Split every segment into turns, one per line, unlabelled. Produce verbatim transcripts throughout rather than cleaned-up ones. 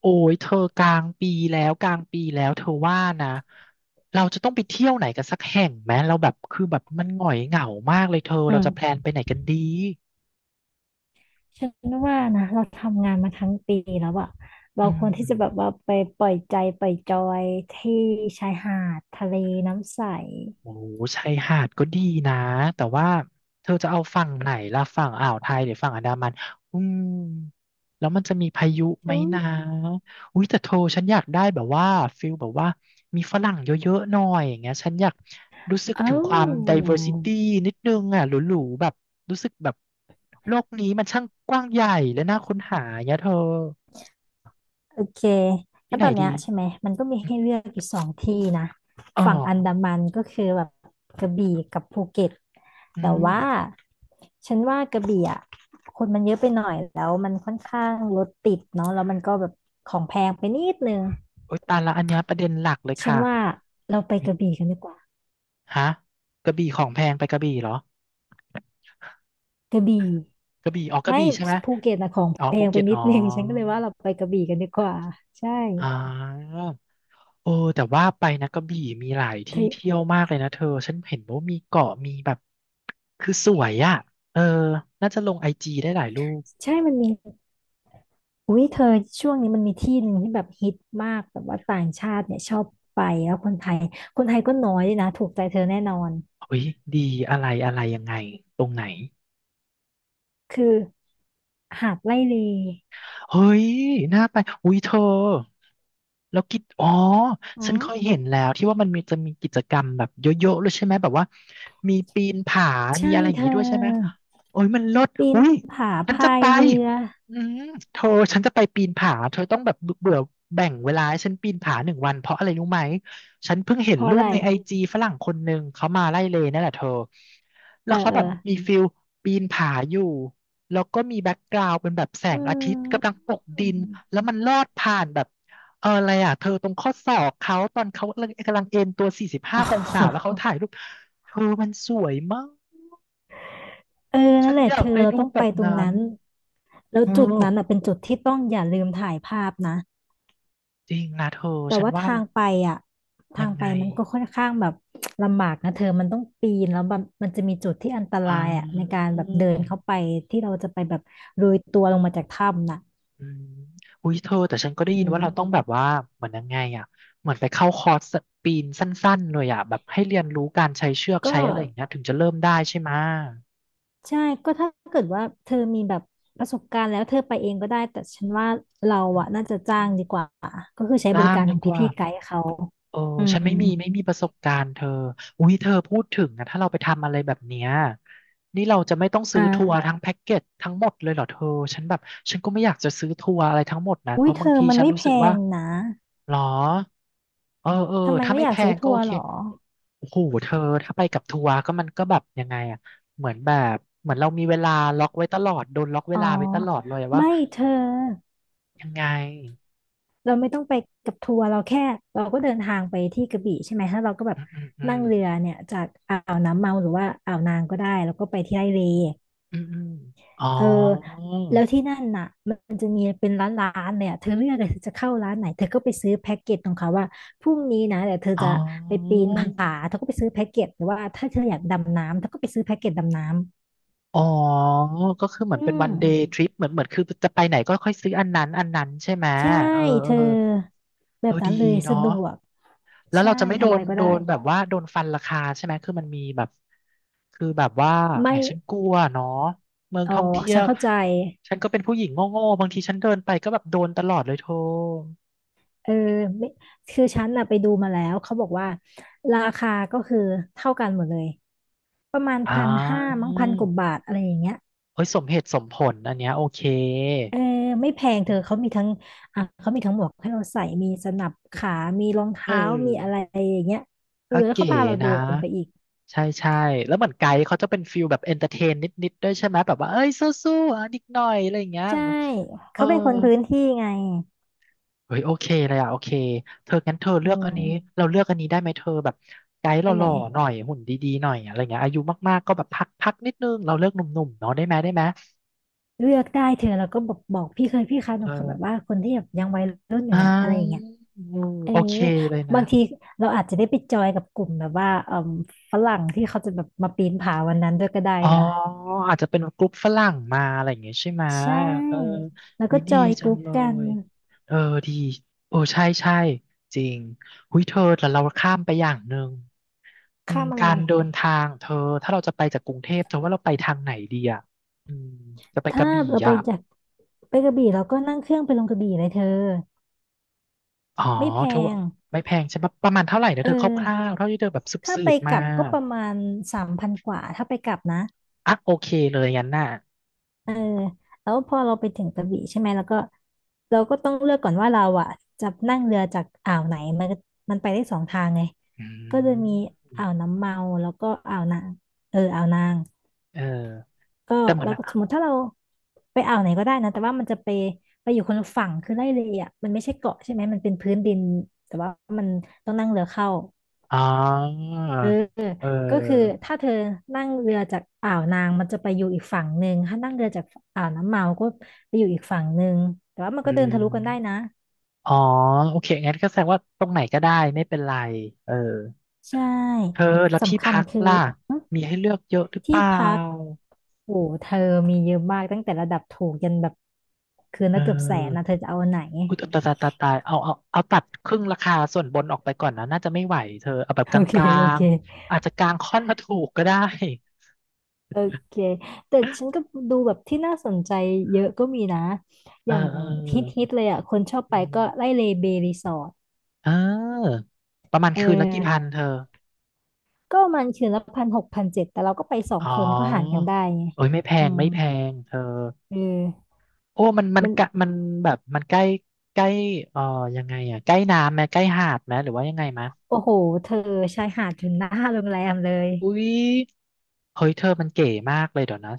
โอ้ยเธอกลางปีแล้วกลางปีแล้วเธอว่านะเราจะต้องไปเที่ยวไหนกันสักแห่งไหมเราแบบคือแบบมันหงอยเหงามากเลยเธอ
อื
เราจะแพลน
ม
ไปไหนกันดี
ฉันว่านะเราทำงานมาทั้งปีแล้วอะเรา
อื
ควรที่
ม
จะแบบว่าไปปล่อยใจปล่อยจอยที่ชายหาดทะเลน้ำใส
โอ้ชายหาดก็ดีนะแต่ว่าเธอจะเอาฝั่งไหนล่ะฝั่งอ่าวไทยหรือฝั่งอันดามันอืมแล้วมันจะมีพายุไหม
ฉัน
นะอุ้ยแต่เธอฉันอยากได้แบบว่าฟิลแบบว่ามีฝรั่งเยอะๆหน่อยอย่างเงี้ยฉันอยากรู้สึก
เอ้า
ถึงความ diversity นิดนึงอ่ะหรูๆแบบรู้สึกแบบโลกนี้มันช่างกว้างใหญ่และน่าค้นหาอย่างเงี้ยเธอ
โอเค
ที่
งั้น
ไหน
ตอน
ดี
เนี้ยใช่ไหมมันก็มีให้เลือกอยู่สองที่นะ
อ๋อ
ฝั่งอันดามันก็คือแบบกระบี่กับภูเก็ต
อื
แต่
ม
ว่าฉันว่ากระบี่อ่ะคนมันเยอะไปหน่อยแล้วมันค่อนข้างรถติดเนาะแล้วมันก็แบบของแพงไปนิดนึง
โอ๊ยตายละอันเนี้ยประเด็นหลักเลย
ฉัน
ค่ะ
ว่าเราไปกระบี่กันดีกว่า
ฮะกระบี่ของแพงไปกระบี่เหรอ
กระบี่
กระบี่อ๋อกระ
ไม่
บี่ใช่ไหม
ภูเก็ตนะของ
อ๋อ
แพ
ภู
งไป
เก็ต
นิ
อ๋
ด
อ
นึง ฉันก็เลยว่าเราไปกระบี่กันดีกว่าใช่
อ่าโอ้แต่ว่าไปนะกระบี่มีหลาย
เธ
ที่
อ
เที่ยวมากเลยนะเธอฉันเห็นว่ามีเกาะมีแบบคือสวยอ่ะเออน่าจะลงไอจีได้หลายรูป
ใช่มันมีอุ้ยเธอช่วงนี้มันมีที่หนึ่งที่แบบฮิตมากแบบว่าต่างชาติเนี่ยชอบไปแล้วคนไทยคนไทยก็น้อยด้วยนะถูกใจเธอแน่นอน
เฮ้ยดีอะไรอะไรยังไงตรงไหน
คือหาดไร่เล
เฮ้ยน่าไปอุ้ยเธอแล้วกิจอ๋อ
อื
ฉันเคย
ม
เห็นแล้วที่ว่ามันมีจะมีกิจกรรมแบบเยอะๆเลยใช่ไหมแบบว่ามีปีนผา มี
ใช่
อะไรอย่า
เธ
งงี้ด้วยใช่ไหม
อ
โอ้ยมันเลด
ปีน
อุ้ย
ผา
ฉันจะ
พา
ไป
ยเรือ
อืมเธอฉันจะไปปีนผาเธอต้องแบบเบื่อแบ่งเวลาให้ฉันปีนผาหนึ่งวันเพราะอะไรรู้ไหมฉันเพิ่งเห็น
เพราะ
รู
อะ
ป
ไร
ในไอจีฝรั่งคนหนึ่งเขามาไล่เลยนั่นแหละเธอ แล้
เออ
วเขา
เออ
แบบมีฟิลปีนผาอยู่ แล้วก็มีแบ็กกราวด์เป็นแบบแสง
อื
อาทิตย์กำลังตกดิน แล้
ม
วมันลอดผ่านแบบเอออะไรอ่ะเธอตรงข้อศอกเขาตอนเขากำลังเอนตัว สี่สิบห้า องศาแล้ว เขาถ่ายรูป เธอมันสวยมาก
เออ
ฉั
นั่น
น
แหละ
อยา
เธ
ก
อ
ไป
เรา
รู
ต้
ป
อง
แบ
ไป
บ
ตรง
นั้น
นั้นแล้ว
เออ
จุดนั้นอ่ะเป็นจุดที่ต้องอย่าลืมถ่ายภาพนะ
จริงนะเธอ
แต่
ฉัน
ว่า
ว่า
ทา
มั
ง
น
ไปอ่ะทา
ยั
ง
ง
ไป
ไง
มันก็ค่อนข้างแบบลำบากนะเธอมันต้องปีนแล้วแบบมันจะมีจุดที่อันตรายอ่ะใน
อ
การแบบเดินเข้า
อ
ไปที่เราจะไปแบบโรยตัวลงมาจากถ้ำน่ะ
อืมอุ้ยเธอแต่ฉันก็ได้
อื
ยิน
ม
ว่าเราต้องแบบว่าเหมือนยังไงอ่ะเหมือนไปเข้าคอร์สปีนสั้นๆเลยอ่ะแบบให้เรียนรู้การใช้เชือก
ก็
ใช้อะไรอย่างเงี้ยถึงจะเริ่มได้ใช่ไหมะ
ใช่ก็ถ้าเกิดว่าเธอมีแบบประสบการณ์แล้วเธอไปเองก็ได้แต่ฉันว่าเรา
อ
อ่ะน่าจะจ้าง
ืม
ดีกว่าก็คือใช้บ
ร่า
ริ
ง
การ
ดี
ของ
กว่า
พี่ๆไกด์เขา
เออ
อื
ฉัน
ม
ไม่มีไม่มีประสบการณ์เธออุ้ยเธอพูดถึงนะถ้าเราไปทำอะไรแบบเนี้ยนี่เราจะไม่ต้องซื้อทัว
อ่า
ร์ทั้งแพ็กเกจทั้งหมดเลยเหรอเธอฉันแบบฉันก็ไม่อยากจะซื้อทัวร์อะไรทั้งหมดนะเพ
อุ้ย
ราะ
เธ
บาง
อ
ที
มัน
ฉัน
ไม่
รู้
แพ
สึกว่า
งนะ
หรอเออเออ
ทำไม
ถ้า
ไม่
ไม่
อยา
แพ
กซื้อ
งก็
ทัว
โอ
ร์
เค
หรอ
โอ้โหเธอถ้าไปกับทัวร์ก็มันก็แบบยังไงอ่ะเหมือนแบบเหมือนเรามีเวลาล็อกไว้ตลอดโดนล็อกเว
อ๋อ
ลาไว้ตลอดเลยอะว่า
ไม่เธอ
ยังไง
เราไม่ต้องไปกับทัวร์เราแค่เราก็เดินทางไปที่กระบี่ใช่ไหมถ้าเราก็แบบ
อืมอืมอื
นั่
ม
งเรือเนี่ยจากอ่าวน้ำเมาหรือว่าอ่าวนางก็ได้แล้วก็ไปที่ไร่เล
อืมอืมอ๋อ
เออแล้วที่นั่นน่ะมันจะมีเป็นร้านร้านเลยอะเธอเลือกเลยเธอจะเข้าร้านไหนเธอก็ไปซื้อแพ็กเกจของเขาว่าพรุ่งนี้นะเดี๋ยวเธอ
อ๋
จะไปปี
อ
นผาเธอก็ไปซื้อแพ็กเกจหรือว่าถ้าเธออยากดำน้ำเธอก็ไปซื้อแพ็กเกจดำน้ำ
อ๋อก็คือเหมื
อื
อนเป็นวั
ม
นเดย์ทริปเหมือนเหมือนคือจะไปไหนก็ค่อยซื้ออันนั้นอันนั้นใช่ไหม
ใช่
เออ เอ
เธ
อ
อแบ
เออ
บนั้
ดี
นเลย
เนาะ
สะดวก
แล้ว
ใช่
เราจะไม่โด
ทำอะ
น
ไรก็
โด
ได้
นแบบว่าโดนฟันราคาใช่ไหมคือมันมีแบบคือแบบว่าแห
ไม่
มฉันกลัวเนาะเมือง
อ๋อ
ท่องเที่ย
ฉั
ว
นเข้าใจ
ฉันก็เป็นผู้หญิงโง่ๆบางทีฉันเดินไปก็แบบโดนตลอดเลยโท่
เออไม่คือฉันน่ะไปดูมาแล้วเขาบอกว่าราคาก็คือเท่ากันหมดเลยประมาณ
อ่
พันห้ามั้
า
งพันกว่าบาทอะไรอย่างเงี้ย
เอ้ยสมเหตุสมผลอันเนี้ยโอเค
เออไม่แพงเธอเขามีทั้งอ่ะเขามีทั้งหมวกให้เราใส่มีสนับขามีรอง
เ
เท้ามีอะ
อ
ไร
อ
อย่างเงี้ยเออ
ก็
แล้ว
เก๋
เขาพาเราเดิ
นะ
นไปอีก
ใช่ใช่แล้วเหมือนไกด์เขาจะเป็นฟิลแบบเอนเตอร์เทนนิดๆด้วยใช่ไหมแบบว่าเอ้ยสู้ๆอ่ะนิดหน่อยอะไรอย่างเงี้ย
ใช่
เออ
เขาเป็นคนพื้นที่ไง
เฮ้ยโอเคเลยอะโอเคเธองั้นเธอเลื
อื
อกอันนี้
ม
เราเลือกอันนี้ได้ไหมเธอแบบไกด์ห
อันไหน
ล่อๆหน่อยหุ่นดีๆหน่อยอะไรเงี้ยอายุมากๆก็แบบพักพักนิดนึงเราเลือกหนุ่มๆเนาะได้ไหมได้ไหม
เลือกได้เธอแล้วก็บอกบอกพี่เคยพี่คะห
เ
นูขอแบบว่า
ออ
คนที่แบบยังวัยรุ่นอ
อ่า
ยู่นะอะไรอย่างเงี้ย
อืม
เออ
โอเคเลยนะ
บางทีเราอาจจะได้ไปจอยกับกลุ่มแบบว่าเอ่มฝรั่งที่เขาจะแบบมาปีนผาวันนั้นด้วยก็ได้
อ๋อ
นะ
อาจจะเป็นกลุ่มฝรั่งมาอะไรอย่างเงี้ยใช่ไหม
ใช่
เออ
แล้ว
วิ
ก็
ดี
จอยก
จัง
รุ๊ป
เล
กัน
ยเออดีโอ้ใช่ใช่จริงหุยเธอแต่เราข้ามไปอย่างหนึ่งอื
ข้า
ม
มอะไร
การเดินทางเธอถ้าเราจะไปจากกรุงเทพเธอว่าเราไปทางไหนดีอ่ะอืมจะไปก
ถ้า
ระบี่
เราไป
อ่ะ
จากไปกระบี่เราก็นั่งเครื่องไปลงกระบี่เลยเธอ
อ๋อ
ไม่แพ
เธอว่า
ง
ไม่แพงใช่ปะประมาณเท่าไหร่นะ
เอ
เธ
อ
อคร่าวๆเท่าที่เธอแบบ
ถ้า
สื
ไป
บๆ
ก
มา
ลับก็ประมาณสามพันกว่าถ้าไปกลับนะ
อ่ะโอเคเลยงั้นน่ะ
เออแล้วพอเราไปถึงกระบี่ใช่ไหมแล้วก็เราก็ต้องเลือกก่อนว่าเราอ่ะจะนั่งเรือจากอ่าวไหนมันก็มันไปได้สองทางไง
อื
ก็จะมี
ม
อ่าวน้ำเมาแล้วก็อ่าวนางเอออ่าวนาง
เออ
ก็
แต่เหมือน
เราก็สมมติถ้าเราไปอ่าวไหนก็ได้นะแต่ว่ามันจะไปไปอยู่คนละฝั่งคือไล่เลยอ่ะมันไม่ใช่เกาะใช่ไหมมันเป็นพื้นดินแต่ว่ามันต้องนั่งเรือเข้า
อ๋อ
เออ
เ
ก็คือ
ออ
ถ้าเธอนั่งเรือจากอ่าวนางมันจะไปอยู่อีกฝั่งหนึ่งถ้านั่งเรือจากอ่าวน้ำเมาก็ไปอยู่อีกฝั่งหนึ่งแต่ว่ามัน
อื
ก็เดิน
ม
ทะลุกันได้นะ
อ๋อโอเคงั้นก็แสดงว่าตรงไหนก็ได้ไม่เป็นไรเออ
ใช
เธอ
่
แล้วที่
สำคัญ
พัก
คือ
ล่ะ
หึ
มีให้เลือกเยอะหรือเป
ที่
ล่า
พักโอ้เธอมีเยอะมากตั้งแต่ระดับถูกยันแบบคืน
เ
ละเกือบแสนนะ
ออ
เธอจะเอาอันไหน
อุยตายตายตายตายเอาเอาเอาตัดครึ่งราคาส่วนบนออกไปก่อนนะน่าจะไม่ไหวเธอเอาแบบ ก
โอเค
ลา
โอ
ง
เค
ๆอาจจะกลางค่อนมาถูกก็ได้
โอเค แต่ฉันก็ดูแบบที่น่าสนใจเยอะก็มีนะ
เอ
อ
อ
ย่าง
เอ
ฮิต
อ
ๆเลยอ่ะคนชอบไป
อื
ก็ไล่
ม
เลเบรีสอร์ท
เออประมาณ
เอ
คืนละกี่พัน
อ
เธอ
ก็มันคืนละพันหกพันเจ็ดแต่เราก็ไปสอง
อ๋อ
คนก็หารกันได้ไง
เอ้ยไม่แพ
อื
ง
ม
ไม่แพงเธอ
เออ
โอ้มันมัน
มัน
กะมันแบบมันใกล้ใกล้เอ่อยังไงอ่ะใกล้น้ำไหมใกล้หาดไหมหรือว่ายังไงมะ
โอ้โหเธอชายหาดถึงหน้าโรงแรมเลย
อุ้ยเฮ้ยเธอมันเก๋มากเลยเดี๋ยวนะ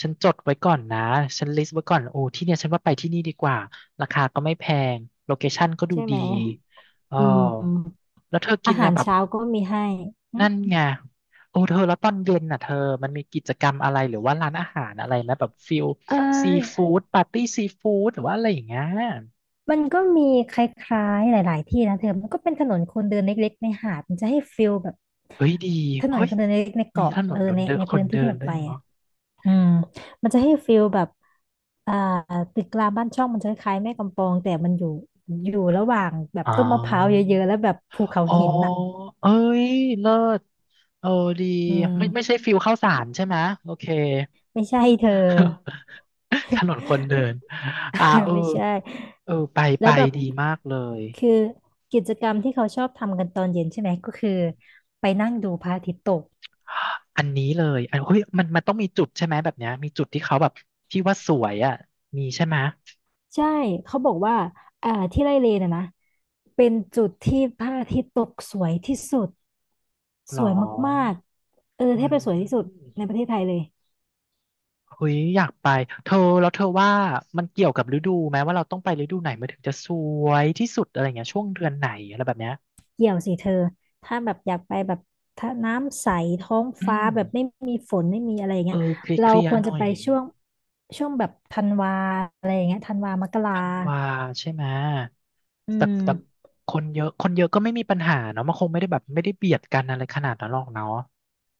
ฉันจดไว้ก่อนนะฉันลิสต์ไว้ก่อนโอ้ที่เนี่ยฉันว่าไปที่นี่ดีกว่าราคาก็ไม่แพงโลเคชั่นก็ดู
ใช่
ดี
ไหม
เออ
อืม
แล้วเธอกิ
อา
น
หา
นะ
ร
แบบ
เช้าก็มีให้หึ
นั่นไงโอ้เธอแล้วตอนเย็นน่ะเธอมันมีกิจกรรมอะไรหรือว่าร้านอาหารอะไรไหมแบบฟิล
เ
ซี
ออ
ฟู้ดปาร์ตี้ซีฟู้ดหรือว่าอะไรอย่างเงี้ย
มันก็มีคล้ายๆหลายๆที่นะเธอ มันก็เป็นถนนคนเดินเล็กๆในหาด มันจะให้ฟิลแบบ
เฮ้ยดี
ถนน
เฮ้ย
คนเดินเล็กๆใน
มี
เกาะ
ถน
เออ
นค
ใน
นเดิน
ใน
ค
พื้
น
นที่
เดิ
ที่
น
เรา
ด้ว
ไป
ยเนาะ
อะ อืมมันจะให้ฟีลแบบอ่าตึกรามบ้านช่องมันจะคล้ายๆแม่กำปองแต่มันอยู่อยู่ระหว่างแบบ
อ๋
ต้นมะพร้าวเย
อ
อะๆแล้วแบบภูเขา
อ๋อ
หินน่ะ
เอ้ยเลิศเออดี
อืม
ไม่ไม่ใช่ฟิลข้าวสารใช่ไหมโอเค
ไม่ใช่เธอ
ถนนคนเดินอ่า เออ
ไม่ใช่
เออไปไป
แล้วแบบ
ดีมากเลย
คือกิจกรรมที่เขาชอบทำกันตอนเย็นใช่ไหมก็คือไปนั่งดูพระอาทิตย์ตก
อันนี้เลยอันเฮ้ยมันมันต้องมีจุดใช่ไหมแบบเนี้ยมีจุดที่เขาแบบที่ว่าสวยอ่ะมีใช่ไหม
ใช่เขาบอกว่าอ่าที่ไร่เลนอะนะเป็นจุดที่พระอาทิตย์ตกสวยที่สุด
หร
ส
อ
วยมาก ๆ เออ
อื
แทบจะสวย
ม
ที่สุดในประเทศไทยเลย
เฮ้ยอยากไปเธอแล้วเธอว่ามันเกี่ยวกับฤดูไหมว่าเราต้องไปฤดูไหนมันถึงจะสวยที่สุดอะไรเงี้ยช่วงเดือนไหนอะไรแบบเนี้ย
เกี่ยวสิเธอถ้าแบบอยากไปแบบถ้าน้ำใสท้อง
อื
ฟ้า
ม
แบบไม่มีฝนไม่มีอะไรอย่าง
เอ
เงี้ย
อเคลียร์
เรา
เคลีย
ค
ร์
วร
ห
จะ
น่อย
ไปช่วงช่วงแบบธันวาอะไรอย่างเงี้ยธันวา มกรา
ธันวาใช่ไหม
อื
แต่
ม
แต่คนเยอะคนเยอะก็ไม่มีปัญหาเนาะมันคงไม่ได้แบบไม่ได้เบียดกันอะไรขนาดนั้นหรอกเนาะ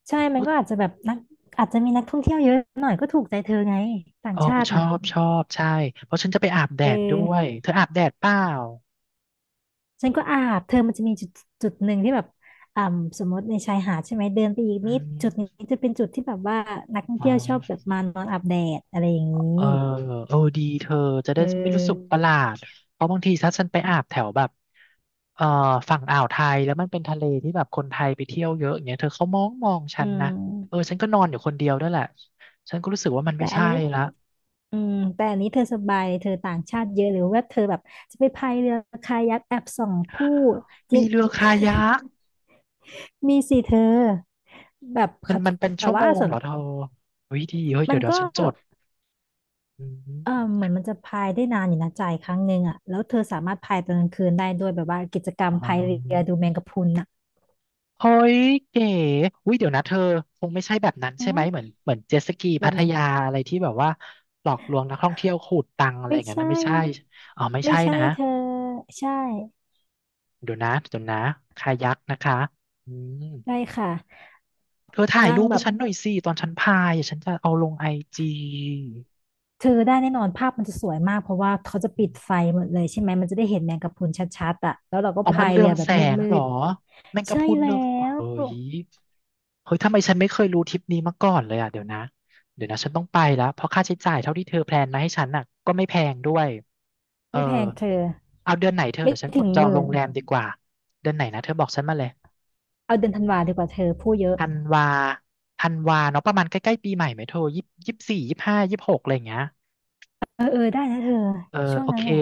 ใช่มัน
อุ๊ย
ก็อาจจะแบบนักอาจจะมีนักท่องเที่ยวเยอะหน่อยก็ถูกใจเธอไงต่าง
เออ
ชาติ
ชอ
น่ะ
บชอบใช่เพราะฉันจะไปอาบแด
เอ
ดด้
อ
วยเธออาบแดดเปล่า
ฉันก็อาบเธอมันจะมีจุดจุดหนึ่งที่แบบอ่าสมมติในชายหาดใช่ไหมเดินไปอีก
อื
นิดจุดนี้
ม
จะเป็นจุดที่แบบว่านักท่อง
อ๋
เที่ยวชอบแบ
อ
บมานอนอาบแดดอะไรอย่างนี้
เออเออดีเธอจะ
เ
ได้ไม่อรู้สึก
ออ
ประหลาดเพราะบางทีถ้าฉันไปอาบแถวแบบเอ่อฝั่งอ่าวไทยแล้วมันเป็นทะเลที่แบบคนไทยไปเที่ยวเยอะอย่างเงี้ยเธอเขามองมองฉั
อื
นนะเออ
ม
ฉันก็นอนอยู่คนเดียวด้วยแหละฉันก็รู้สึกว่ามัน
แต่
ไม่
อัน
ใช่
นี้
ละ
อืมแต่อันนี้เธอสบายเธอต่างชาติเยอะหรือว่าเธอแบบจะไปพายเรือคายักแอบส่องผู้จริ
มี
ง
เรือคายัก
มีสิเธอแบบ
มัน
เขา
มันเป็น
แต่
ชั่วโม
ว่า
ง
ส่ว
เห
น
รอเธอเฮ้ยดีเฮ้ย
มั
เดี๋ย
น
วเดี๋ยว
ก็
ฉันจดอื
เออเห
ม
มือนมันจะพายได้นานอยู่นะจ่ายครั้งหนึ่งอ่ะแล้วเธอสามารถพายตอนกลางคืนได้ด้วยแบบว่ากิจกรรม
อ๋อ
พายเรือดูแมงกะพรุนอ่ะ
เฮ้ยเก๋อุ้ยเดี๋ยวนะเธอคงไม่ใช่แบบนั้น
อ๋
ใช่ไหมเหมือน
อ
เหมือนเจ็ตสกี
แบ
พั
บ
ท
ไหน
ยาอะไรที่แบบว่าหลอกลวงนักท่องเที่ยวขูดตังค์อะไรอ
ไม่
ย่างนั้นนะ
ใช่
ไม่ใช่อ๋อไม่
ไม่
ใช่
ใช่
นะ
เธอใช่
เดี๋ยวนะเดี๋ยวนะคายักนะคะอืม
ได้ค่ะ
เธอถ่าย
นั่ง
รูป
แบ
ให้
บ
ฉันหน่อยสิตอนฉันพายอ่ะฉันจะเอาลงไอจี
เธอได้แน่นอนภาพมันจะสวยมากเพราะว่าเขาจะ
อ
ปิ
ม
ดไฟหมดเลยใช่ไหมมันจะได้เห็นแมงกะพรุนชัดๆอ่ะแล้วเราก็
อ๋อมั
พา
น
ย
เรื
เรื
อ
อ
ง
แบ
แส
บ
ง
มื
เหรอ
ด
แม่ง
ๆ
ก็
ใช่
พูด
แล้
เรื่อง
ว
เฮ้ย เฮ้ยทำไมฉันไม่เคยรู้ทริปนี้มาก่อนเลยอ่ะเดี๋ยวนะเดี๋ยวนะฉันต้องไปแล้วเพราะค่าใช้จ่ายเท่าที่เธอแพลนมาให้ฉันน่ะก็ไม่แพงด้วยเออ
ไม่แพงเธอ
เอาเดือนไหนเธอ
ไม่
เดี๋ยวฉันก
ถึ
ด
ง
จอ
ห
งโร
มื่น
งแรมดีกว่าเดือนไหนนะเธอบอกฉันมาเลย
เอาเดือนธันวาดีกว่าเธอพูดเยอะ
ธันวาธันวาเนาะประมาณใกล้ๆปีใหม่ไหมเธอยี่ยี่สี่ยี่ห้ายี่หกอะไรอย่างเงี้ย
เออเออได้นะเธอ
เออ
ช่วง
โอ
นั้
เค
นแหละ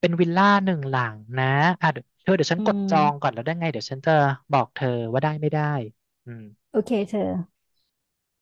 เป็นวิลล่าหนึ่งหลังนะอ่ะเดี๋ยวเธอเดี๋ยวฉัน
อื
กดจองก่อน
ม
แล้วได้ไงเดี๋ยวฉันจะบอกเธอว่าได้ไม่ได้อืม
โอเคเธอ